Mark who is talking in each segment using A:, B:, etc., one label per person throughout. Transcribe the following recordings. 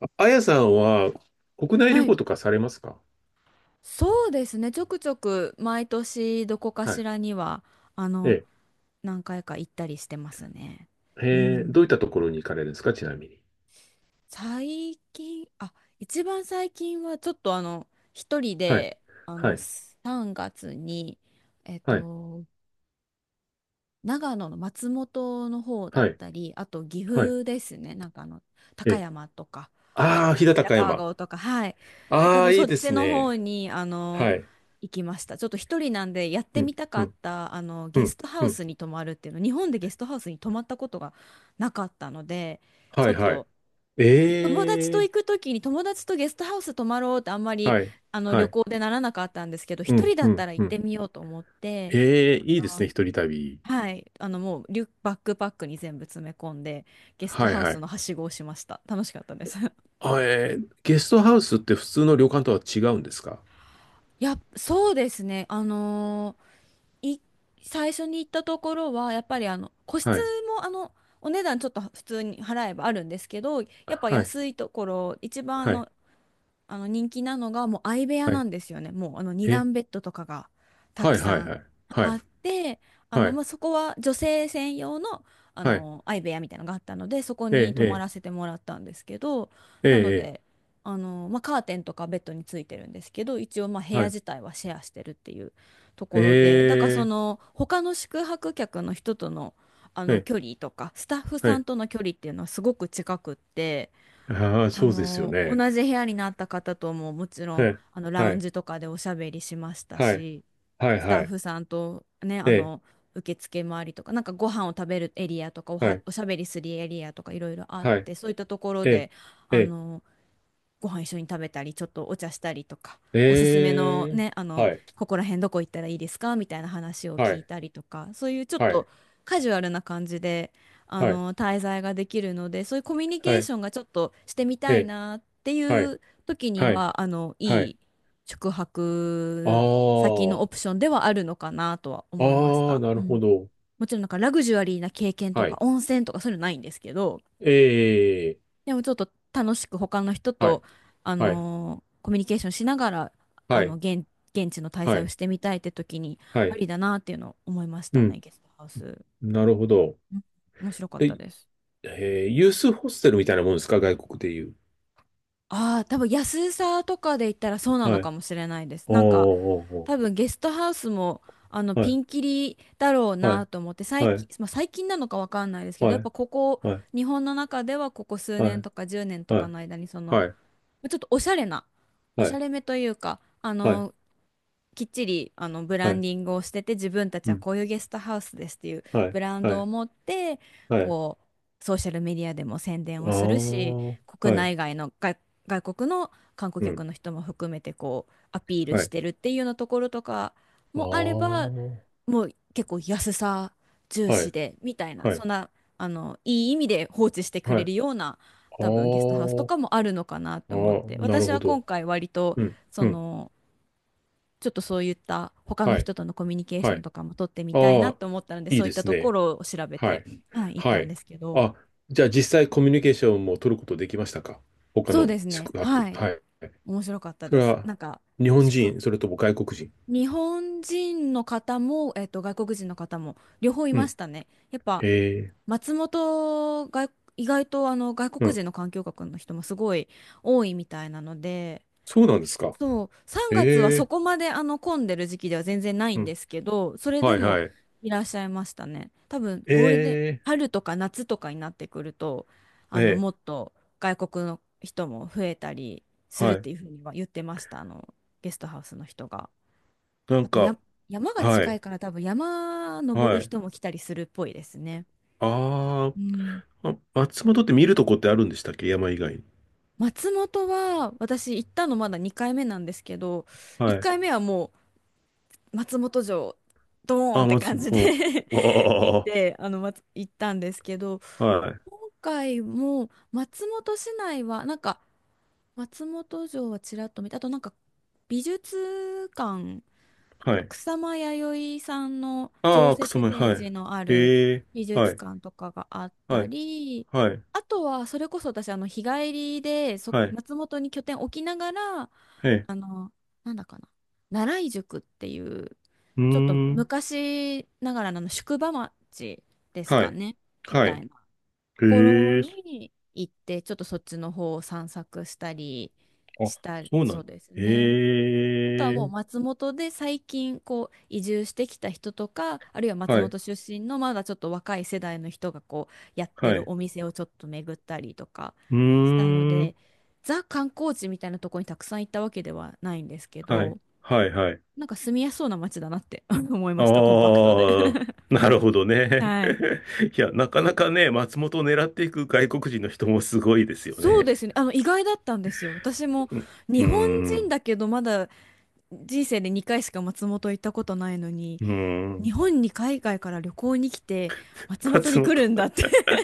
A: ああやさんは国内
B: は
A: 旅
B: い。
A: 行とかされますか？
B: そうですね。ちょくちょく毎年どこか
A: は
B: し
A: い。
B: らには、あ
A: え
B: の、
A: え。
B: 何回か行ったりしてますね。う
A: えーどういっ
B: ん。
A: たところに行かれるんですか、ちなみに。
B: 最近、一番最近はちょっと一人
A: はい。
B: で、
A: はい。
B: 3月に、えっ
A: はい。
B: と、長野の松本の方だ
A: は
B: っ
A: い。
B: たり、あと岐
A: はい。
B: 阜ですね、
A: え
B: 高
A: え。
B: 山とか、
A: ああ、飛騨
B: 白
A: 高
B: 川
A: 山。
B: 郷とか、はい、だから
A: あ
B: そ
A: あ、
B: の
A: い
B: そ
A: い
B: っ
A: で
B: ち
A: す
B: の方
A: ね。
B: に
A: はい。
B: 行きました。ちょっと一人なんでやっ
A: う
B: て
A: ん。
B: みたか
A: う
B: っ
A: ん。
B: た
A: う
B: ゲス
A: ん。
B: トハ
A: う
B: ウ
A: ん。
B: スに泊まるっていうの、日本でゲストハウスに泊まったことがなかったので、ち
A: は
B: ょ
A: い。
B: っ
A: はい。
B: と友達
A: え
B: と
A: え。
B: 行く時に友達とゲストハウス泊まろうってあんまり
A: はい。は
B: 旅
A: い。
B: 行でならなかったんですけど、
A: う
B: 一人
A: ん。
B: だ
A: う
B: った
A: ん。
B: ら行
A: う
B: って
A: ん。
B: みようと思って。
A: ええ、
B: あ
A: いいです
B: の
A: ね。一人旅。
B: もうリュック、バックパックに全部詰め込んで、ゲスト
A: はい。
B: ハウ
A: は
B: ス
A: い。
B: のはしごをしました。楽しかったです。
A: あ、えーゲストハウスって普通の旅館とは違うんですか？
B: やっ、そうですね。あのーい、最初に行ったところは、やっぱり個
A: は
B: 室
A: い。
B: もお値段ちょっと普通に払えばあるんですけど、やっぱ
A: はい。
B: 安いところ、一番
A: はい。
B: 人気なのがもう相部屋
A: は
B: な
A: い。
B: んですよね。もうあの二
A: え、
B: 段ベッドとかがた
A: は
B: く
A: い。は
B: さ
A: い。
B: ん
A: はい。は
B: あ
A: い。
B: って、
A: はい、
B: まあそこは女性専用の、
A: はい、
B: 相部屋みたいなのがあったので、そこ
A: え
B: に泊ま
A: え、
B: らせてもらったんですけど、
A: ええ、
B: な
A: え
B: の
A: え、え
B: で、
A: え、
B: まあ、カーテンとかベッドについてるんですけど、一応まあ部
A: は
B: 屋
A: い、
B: 自体はシェアしてるっていうと
A: え
B: ころで、だからそ
A: え、
B: の他の宿泊客の人との、
A: ええ、
B: 距離とか、スタッフ
A: は
B: さん
A: い、
B: との距離っていうのはすごく近くって。
A: ああ、そうですよ
B: 同
A: ね。
B: じ部屋になった方とももちろ
A: え
B: ん、
A: え、
B: ラ
A: は
B: ウン
A: い、
B: ジとかでおしゃべりしました
A: はい、
B: し、
A: はい、
B: ス
A: は
B: タッ
A: い、
B: フさんとね、
A: ええ、
B: 受付回りとか、なんかご飯を食べるエリアとか、
A: はい、
B: おしゃべりするエリアとかいろいろあっ
A: はい、
B: て、そういったところ
A: え
B: で、
A: え、
B: あ
A: え
B: の、ご飯一緒に食べたりちょっとお茶したりとか、
A: え、
B: おすすめの
A: ええ、
B: ね
A: はい、
B: ここら辺どこ行ったらいいですかみたいな話を
A: は
B: 聞い
A: い、
B: たりとか、そういうちょっ
A: は
B: と
A: い、
B: カジュアルな感じで
A: はい、
B: 滞在ができるので、そういうコミュニケ
A: は
B: ー
A: い、
B: ションがちょっとしてみ
A: え
B: たい
A: え、
B: なって
A: は
B: い
A: い、
B: う時に
A: はい、
B: は
A: は
B: い
A: い、
B: い宿
A: あ
B: 泊先のオプ
A: あ、
B: ションではあるのかなとは思いまし
A: ああ、
B: た。
A: な
B: う
A: るほ
B: ん。
A: ど。
B: もちろんなんかラグジュアリーな経験と
A: は
B: か
A: い、
B: 温泉とかそういうのないんですけど、
A: ええ、
B: でもちょっと楽しく他の人
A: は
B: と、
A: い、はい、
B: コミュニケーションしながら、あ
A: は
B: の、
A: い、
B: 現、現地の滞
A: は
B: 在を
A: い、
B: してみたいって時に、
A: は
B: あ
A: い、
B: りだなっていうのを思いまし
A: う
B: たね、
A: ん、
B: ゲストハウス。
A: なるほど。
B: うん、面白かった
A: で、
B: です。
A: えーユースホステルみたいなもんですか、外国でいう。
B: ああ、多分安さとかで言ったらそうな
A: は
B: のか
A: い、
B: もしれないです。
A: おー
B: なんか、
A: お
B: 多分ゲストハウスも、
A: ーおー。は
B: ピ
A: い、
B: ンキリだろう
A: は
B: な
A: い、
B: と思って、最近、
A: は
B: まあ、最近なのかわかんないです
A: い、
B: けど、やっぱここ、
A: はい、
B: 日本の中ではここ数
A: は
B: 年
A: い、
B: とか10年と
A: は
B: か
A: い、
B: の間に、その、
A: はい、
B: ちょっとおしゃれな、お
A: は
B: し
A: い、
B: ゃれめというか、
A: はい、
B: きっちりブ
A: は
B: ラン
A: い、
B: ディングをしてて、自分たち
A: う
B: は
A: ん、
B: こういうゲストハウスですっていう
A: はい、
B: ブラン
A: は
B: ドを
A: い、
B: 持って、
A: はい、
B: こう、ソーシャルメディアでも宣伝を
A: あ
B: するし、
A: あ、
B: 国
A: はい、
B: 内外の外、外国の観光
A: う
B: 客
A: ん、
B: の人も含めてこう、アピール
A: は
B: し
A: い、
B: てるっていうようなところとか
A: ああ、
B: もあれば、
A: は
B: もう結構安さ重視
A: い、
B: でみたいな、
A: は
B: そ
A: い、
B: んないい意味で放置してく
A: はい、
B: れ
A: ああ、
B: るような、多分ゲストハウスとかもあるのかなと思っ
A: ああ、
B: て、
A: なる
B: 私
A: ほ
B: は
A: ど。
B: 今回割と
A: うん、
B: そ
A: うん、
B: の、ちょっとそういった他の
A: はい、
B: 人とのコミュニケーシ
A: は
B: ョン
A: い、
B: とかも取ってみたいな
A: あ
B: と
A: あ、
B: 思ったので、
A: いい
B: そうい
A: で
B: った
A: す
B: とこ
A: ね。
B: ろを調べ
A: は
B: て、
A: い、
B: はい、行っ
A: は
B: たんで
A: い。
B: すけど、
A: あ、じゃあ実際コミュニケーションも取ることできましたか？他
B: そう
A: の
B: ですね、
A: 宿
B: は
A: 泊。
B: い、
A: はい。
B: 面白かった
A: そ
B: で
A: れ
B: す。
A: は
B: なんか
A: 日本
B: 宿
A: 人、それとも外国人？
B: 日本人の方も、外国人の方も両方い
A: う
B: ま
A: ん、
B: したね。やっぱ
A: ええ、
B: 松本が意外と外
A: う
B: 国
A: ん。
B: 人の環境学の人もすごい多いみたいなので、
A: そうなんですか。
B: そう、3月はそ
A: ええ、
B: こまで混んでる時期では全然ない
A: う
B: んで
A: ん。
B: すけど、それ
A: は
B: で
A: い
B: も
A: はい。
B: いらっしゃいましたね。多分
A: え
B: ゴールデン、
A: え、
B: 春とか夏とかになってくると、
A: ええ、
B: もっと外国の人も増えたりする
A: は
B: っ
A: い。
B: ていうふうには言ってました、ゲストハウスの人が。
A: な
B: あ
A: ん
B: とや、
A: か、
B: 山が
A: は
B: 近
A: い、
B: いから多分山登る
A: はい。
B: 人も来たりするっぽいですね。
A: あー、
B: うん。
A: あ、松本って見るとこってあるんでしたっけ、山以外に。
B: 松本は私行ったのまだ2回目なんですけど、
A: は
B: 1
A: い。
B: 回目はもう松本城ドーン
A: あ
B: っ
A: ー、
B: て
A: 松
B: 感
A: 本、
B: じで
A: うん。
B: 行っ
A: あ
B: てあの、まつ、行ったんですけど、
A: あ、ああ、はい、
B: 今回も松本市内はなんか松本城はちらっと見て、あとなんか美術館、
A: はい。
B: 草間彌生さんの常
A: ああ、草
B: 設
A: 前、は
B: 展
A: い。
B: 示のある
A: ええ、
B: 美
A: は
B: 術
A: い、
B: 館とかがあっ
A: は
B: た
A: い、
B: り、
A: はい、
B: あとはそれこそ私日帰りで
A: はい、
B: 松本に拠点置きながら
A: ええ、
B: あの、なんだかな。奈良井宿っていう、
A: うー
B: ちょっと
A: ん、
B: 昔ながらの宿場町です
A: は
B: か
A: い、
B: ね、み
A: は
B: たい
A: い。
B: なと
A: え
B: ころ
A: え、
B: に行って、ちょっとそっちの方を散策したり
A: あ、
B: した
A: そうな
B: そう
A: ん、
B: です
A: え
B: ね。あとはもう
A: え、
B: 松本で最近こう移住してきた人とか、あるいは松
A: はい、
B: 本出身のまだちょっと若い世代の人がこうやって
A: は
B: る
A: い。
B: お店をちょっと巡ったりとか
A: う
B: したの
A: ー
B: で、
A: ん。
B: ザ観光地みたいなとこにたくさん行ったわけではないんですけ
A: はい。
B: ど、
A: はい、はい。
B: なんか住みやすそうな街だなって 思いました、コンパクトで。
A: ああ、なるほど ね。
B: はい。
A: いや、なかなかね、松本を狙っていく外国人の人もすごいですよ
B: そうで
A: ね。
B: すね。意外だったんですよ。私も
A: うん、うー
B: 日本人
A: ん、
B: だけど、まだ人生で2回しか松本行ったことないのに、
A: うー
B: 日
A: ん、
B: 本に海外から旅行に来て松本
A: 松
B: に
A: 本。
B: 来 るんだって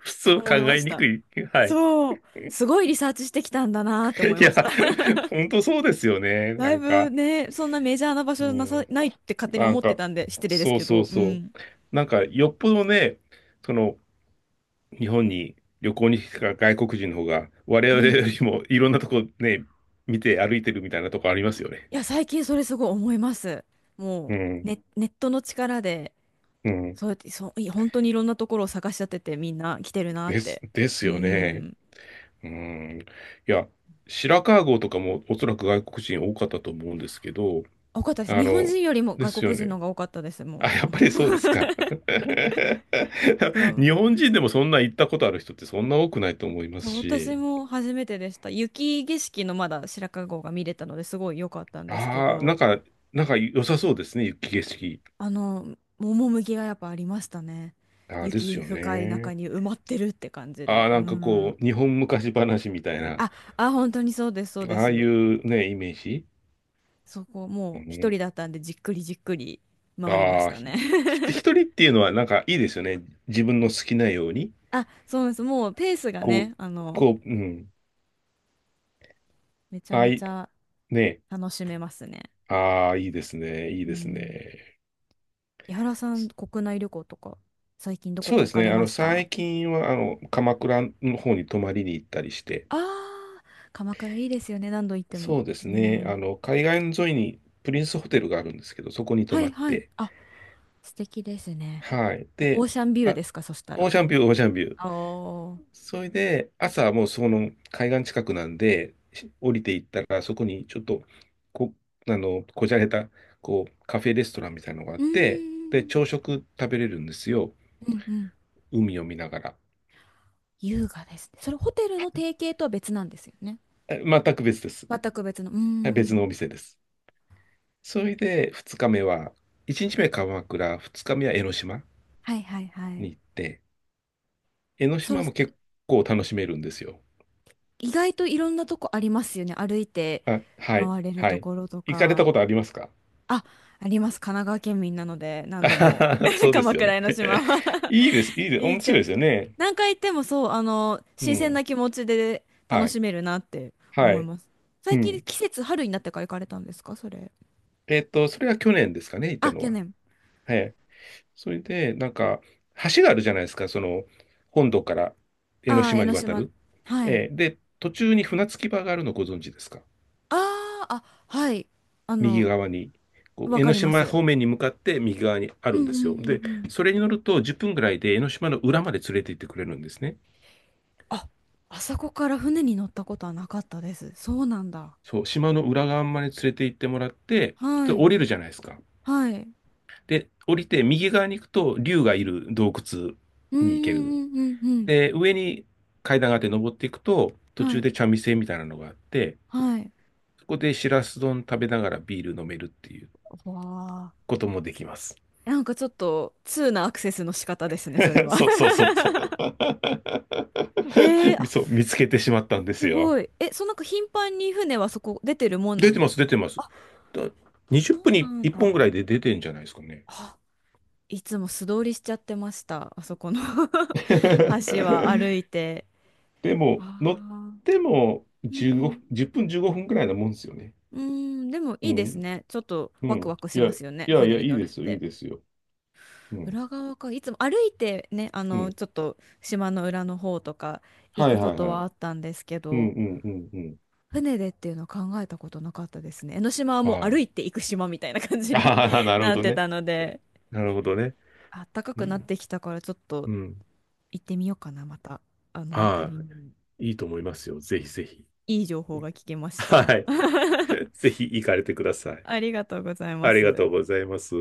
A: 普通考
B: 思いま
A: え
B: し
A: に
B: た。
A: くい。はい。
B: そう、すごいリサーチしてきたんだなって思い
A: い
B: まし
A: や、
B: た。
A: 本当そうですよね。
B: だ
A: な
B: い
A: ん
B: ぶ
A: か、
B: ね、そんなメジャーな場
A: う
B: 所な
A: ん、
B: ないって勝手に
A: な
B: 思
A: ん
B: って
A: か、
B: たんで失礼です
A: そう
B: け
A: そう
B: ど、う
A: そう。
B: ん。
A: なんか、よっぽどね、その、日本に旅行に来た外国人の方が、我
B: う
A: 々よ
B: ん。
A: りもいろんなとこね、見て歩いてるみたいなとこありますよね。
B: いや、最近それすごい思います。も
A: うん、
B: ね、ネットの力で、
A: うん。
B: そうやって、本当にいろんなところを探し当ててみんな来てるなっ
A: です、
B: て。
A: で
B: う
A: すよね。
B: ん。
A: うん。いや、白川郷とかもおそらく外国人多かったと思うんですけど、
B: 多かったです。
A: あ
B: 日本
A: の、
B: 人よりも
A: で
B: 外
A: すよ
B: 国人の
A: ね。
B: 方が多かったです、も
A: あ、やっぱりそうですか。
B: う。そう
A: 日本人でもそんな行ったことある人ってそんな多くないと思います
B: そう、私
A: し、
B: も初めてでした。雪景色のまだ白川郷が見れたのですごい良かったんですけ
A: ああ、なん
B: ど、
A: か、なんか良さそうですね、雪景色。
B: 趣がやっぱありましたね。
A: ああ、です
B: 雪
A: よ
B: 深い中
A: ね。
B: に埋まってるって感じ
A: ああ、
B: で。う
A: なんか
B: ん。
A: こう、日本昔話みたいな、
B: 本当にそうです、そうで
A: ああい
B: す。
A: うね、イメージ。
B: そこ
A: う
B: もう一
A: ん、
B: 人だったんでじっくりじっくり回りまし
A: ああ、
B: た
A: ひ、
B: ね。
A: ひ 一人っていうのはなんかいいですよね。自分の好きなように。
B: あ、そうです。もうペースが
A: こう、
B: ね、
A: こう、うん。
B: めちゃ
A: ああ
B: めち
A: い、
B: ゃ
A: ね。
B: 楽しめますね。
A: ああ、いいですね。いい
B: う
A: です
B: ん。
A: ね。
B: 井原さん、国内旅行とか最近どこ
A: そう
B: か
A: で
B: 行
A: す
B: か
A: ね。
B: れ
A: あ
B: ま
A: の、
B: した？
A: 最近は、あの、鎌倉の方に泊まりに行ったりして、
B: ああ、鎌倉いいですよね、何度行って
A: そ
B: も。
A: うで
B: う
A: すね。
B: ん。
A: あの、海岸沿いにプリンスホテルがあるんですけど、そこに泊
B: は
A: ま
B: い
A: っ
B: はい。
A: て、
B: あ、素敵ですね。
A: はい。
B: オー
A: で、
B: シャンビュー
A: あ、
B: ですか、そした
A: オ
B: ら。
A: ーシャンビュー、オーシャンビュー。
B: おー。
A: それで、朝はもうその海岸近くなんで、し降りていったら、そこにちょっと、こ、あの、こじゃれた、こう、カフェレストランみたいなのがあっ
B: うー
A: て、で、
B: ん。
A: 朝食食べれるんですよ。
B: うんうん。
A: 海を見ながら。
B: 優雅ですね。それホテルの提携とは別なんですよね。
A: え、全く別です。
B: 全く別の。うー
A: はい、別
B: ん。
A: のお店です。それで、2日目は、1日目鎌倉、2日目は江ノ島
B: はいはいは
A: に
B: い。
A: 行って、江ノ
B: それ、
A: 島も結構楽しめるんですよ。
B: 意外といろんなとこありますよね。歩いて
A: あ、はい、
B: 回れる
A: は
B: と
A: い。
B: ころと
A: 行かれ
B: か。
A: たことありますか？
B: あ、あります。神奈川県民なので、何
A: あ
B: 度
A: は
B: も
A: は、そ うです
B: 鎌
A: よね。
B: 倉江の島は
A: いいです、いい です、
B: 行
A: 面
B: っ
A: 白
B: て、
A: いですよね。
B: 何回行ってもそう、
A: う
B: 新鮮
A: ん。
B: な気持ちで
A: は
B: 楽
A: い。
B: しめるなって
A: は
B: 思い
A: い。
B: ます。
A: う
B: 最近
A: ん。
B: 季節春になってから行かれたんですか、それ。
A: えっと、それは去年ですかね、行った
B: あ、
A: の
B: 去
A: は。
B: 年。
A: はい。それで、なんか、橋があるじゃないですか、その、本土から江ノ
B: ああ、江
A: 島に
B: ノ
A: 渡
B: 島。
A: る。
B: はい。
A: えーで、途中に船着き場があるのご存知ですか？
B: はい。あ
A: 右
B: の、
A: 側に。こう
B: わ
A: 江
B: か
A: ノ
B: りま
A: 島
B: す。
A: 方面に向かって右側にあ
B: う
A: る
B: ん
A: んで
B: う
A: す
B: ん
A: よ。
B: うん
A: で、
B: うん。
A: それに乗ると10分ぐらいで江ノ島の裏まで連れて行ってくれるんですね。
B: あ、あそこから船に乗ったことはなかったです。そうなんだ。
A: そう、島の裏側まで連れて行ってもらって、
B: は
A: で降
B: い。
A: りるじゃないですか。
B: はい。
A: で、降りて右側に行くと、竜がいる洞窟
B: うん
A: に行ける。
B: うんうんうんうん。
A: で、上に階段があって登っていくと、途
B: は
A: 中
B: い。
A: で茶店みたいなのがあって、
B: はい。
A: そこでしらす丼食べながらビール飲めるっていう
B: わあ。
A: こともできます。
B: なんかちょっと、通なアクセスの仕方ですね、それ は。
A: そうそう そうそう。
B: えー、あ、
A: そう、見
B: す、
A: つけてしまったんで
B: す
A: すよ。
B: ごい。え、そう、なんか頻繁に船はそこ出てるもんな
A: 出
B: ん
A: て
B: で
A: ます、
B: す
A: 出て
B: か？
A: ます。
B: あ、
A: だ
B: そ
A: 20分
B: う
A: に
B: なん
A: 1本ぐらい
B: だ。
A: で出てんじゃないですかね。
B: あ、いつも素通りしちゃってました。あそこの 橋は歩 いて。
A: でも、乗っ
B: ああ。
A: ても
B: う
A: 15分、
B: ん。
A: 0分15分くらいなもんですよね。
B: うん、でも
A: う
B: いいです
A: ん。
B: ね。ちょっと
A: う
B: ワクワ
A: ん。
B: ク
A: い
B: し
A: や、
B: ま
A: い
B: すよね。
A: やい
B: 船
A: や、
B: に
A: いい
B: 乗る
A: で
B: っ
A: すよ、いい
B: て。
A: ですよ。うん。
B: 裏側か。いつも歩いてね、
A: うん。
B: ちょっと島の裏の方とか行
A: はい
B: くこ
A: はい
B: と
A: は
B: は
A: い。
B: あったんですけ
A: うんう
B: ど、
A: んうんうん。
B: 船でっていうのは考えたことなかったですね。江ノ島はもう歩
A: は
B: いて行く島みたいな感
A: い。
B: じ に
A: ああ、なるほ
B: なっ
A: ど
B: て
A: ね。
B: たので、
A: なるほどね。
B: あったか
A: う
B: くなっ
A: ん。
B: てきたからちょっと
A: うん。
B: 行ってみようかな、また。あの辺
A: は
B: りに。
A: い。いいと思いますよ。ぜひぜひ。
B: いい情報が聞けまし
A: は
B: た。
A: い。ぜひ行かれてください。
B: ありがとうございま
A: ありが
B: す。
A: とうございます。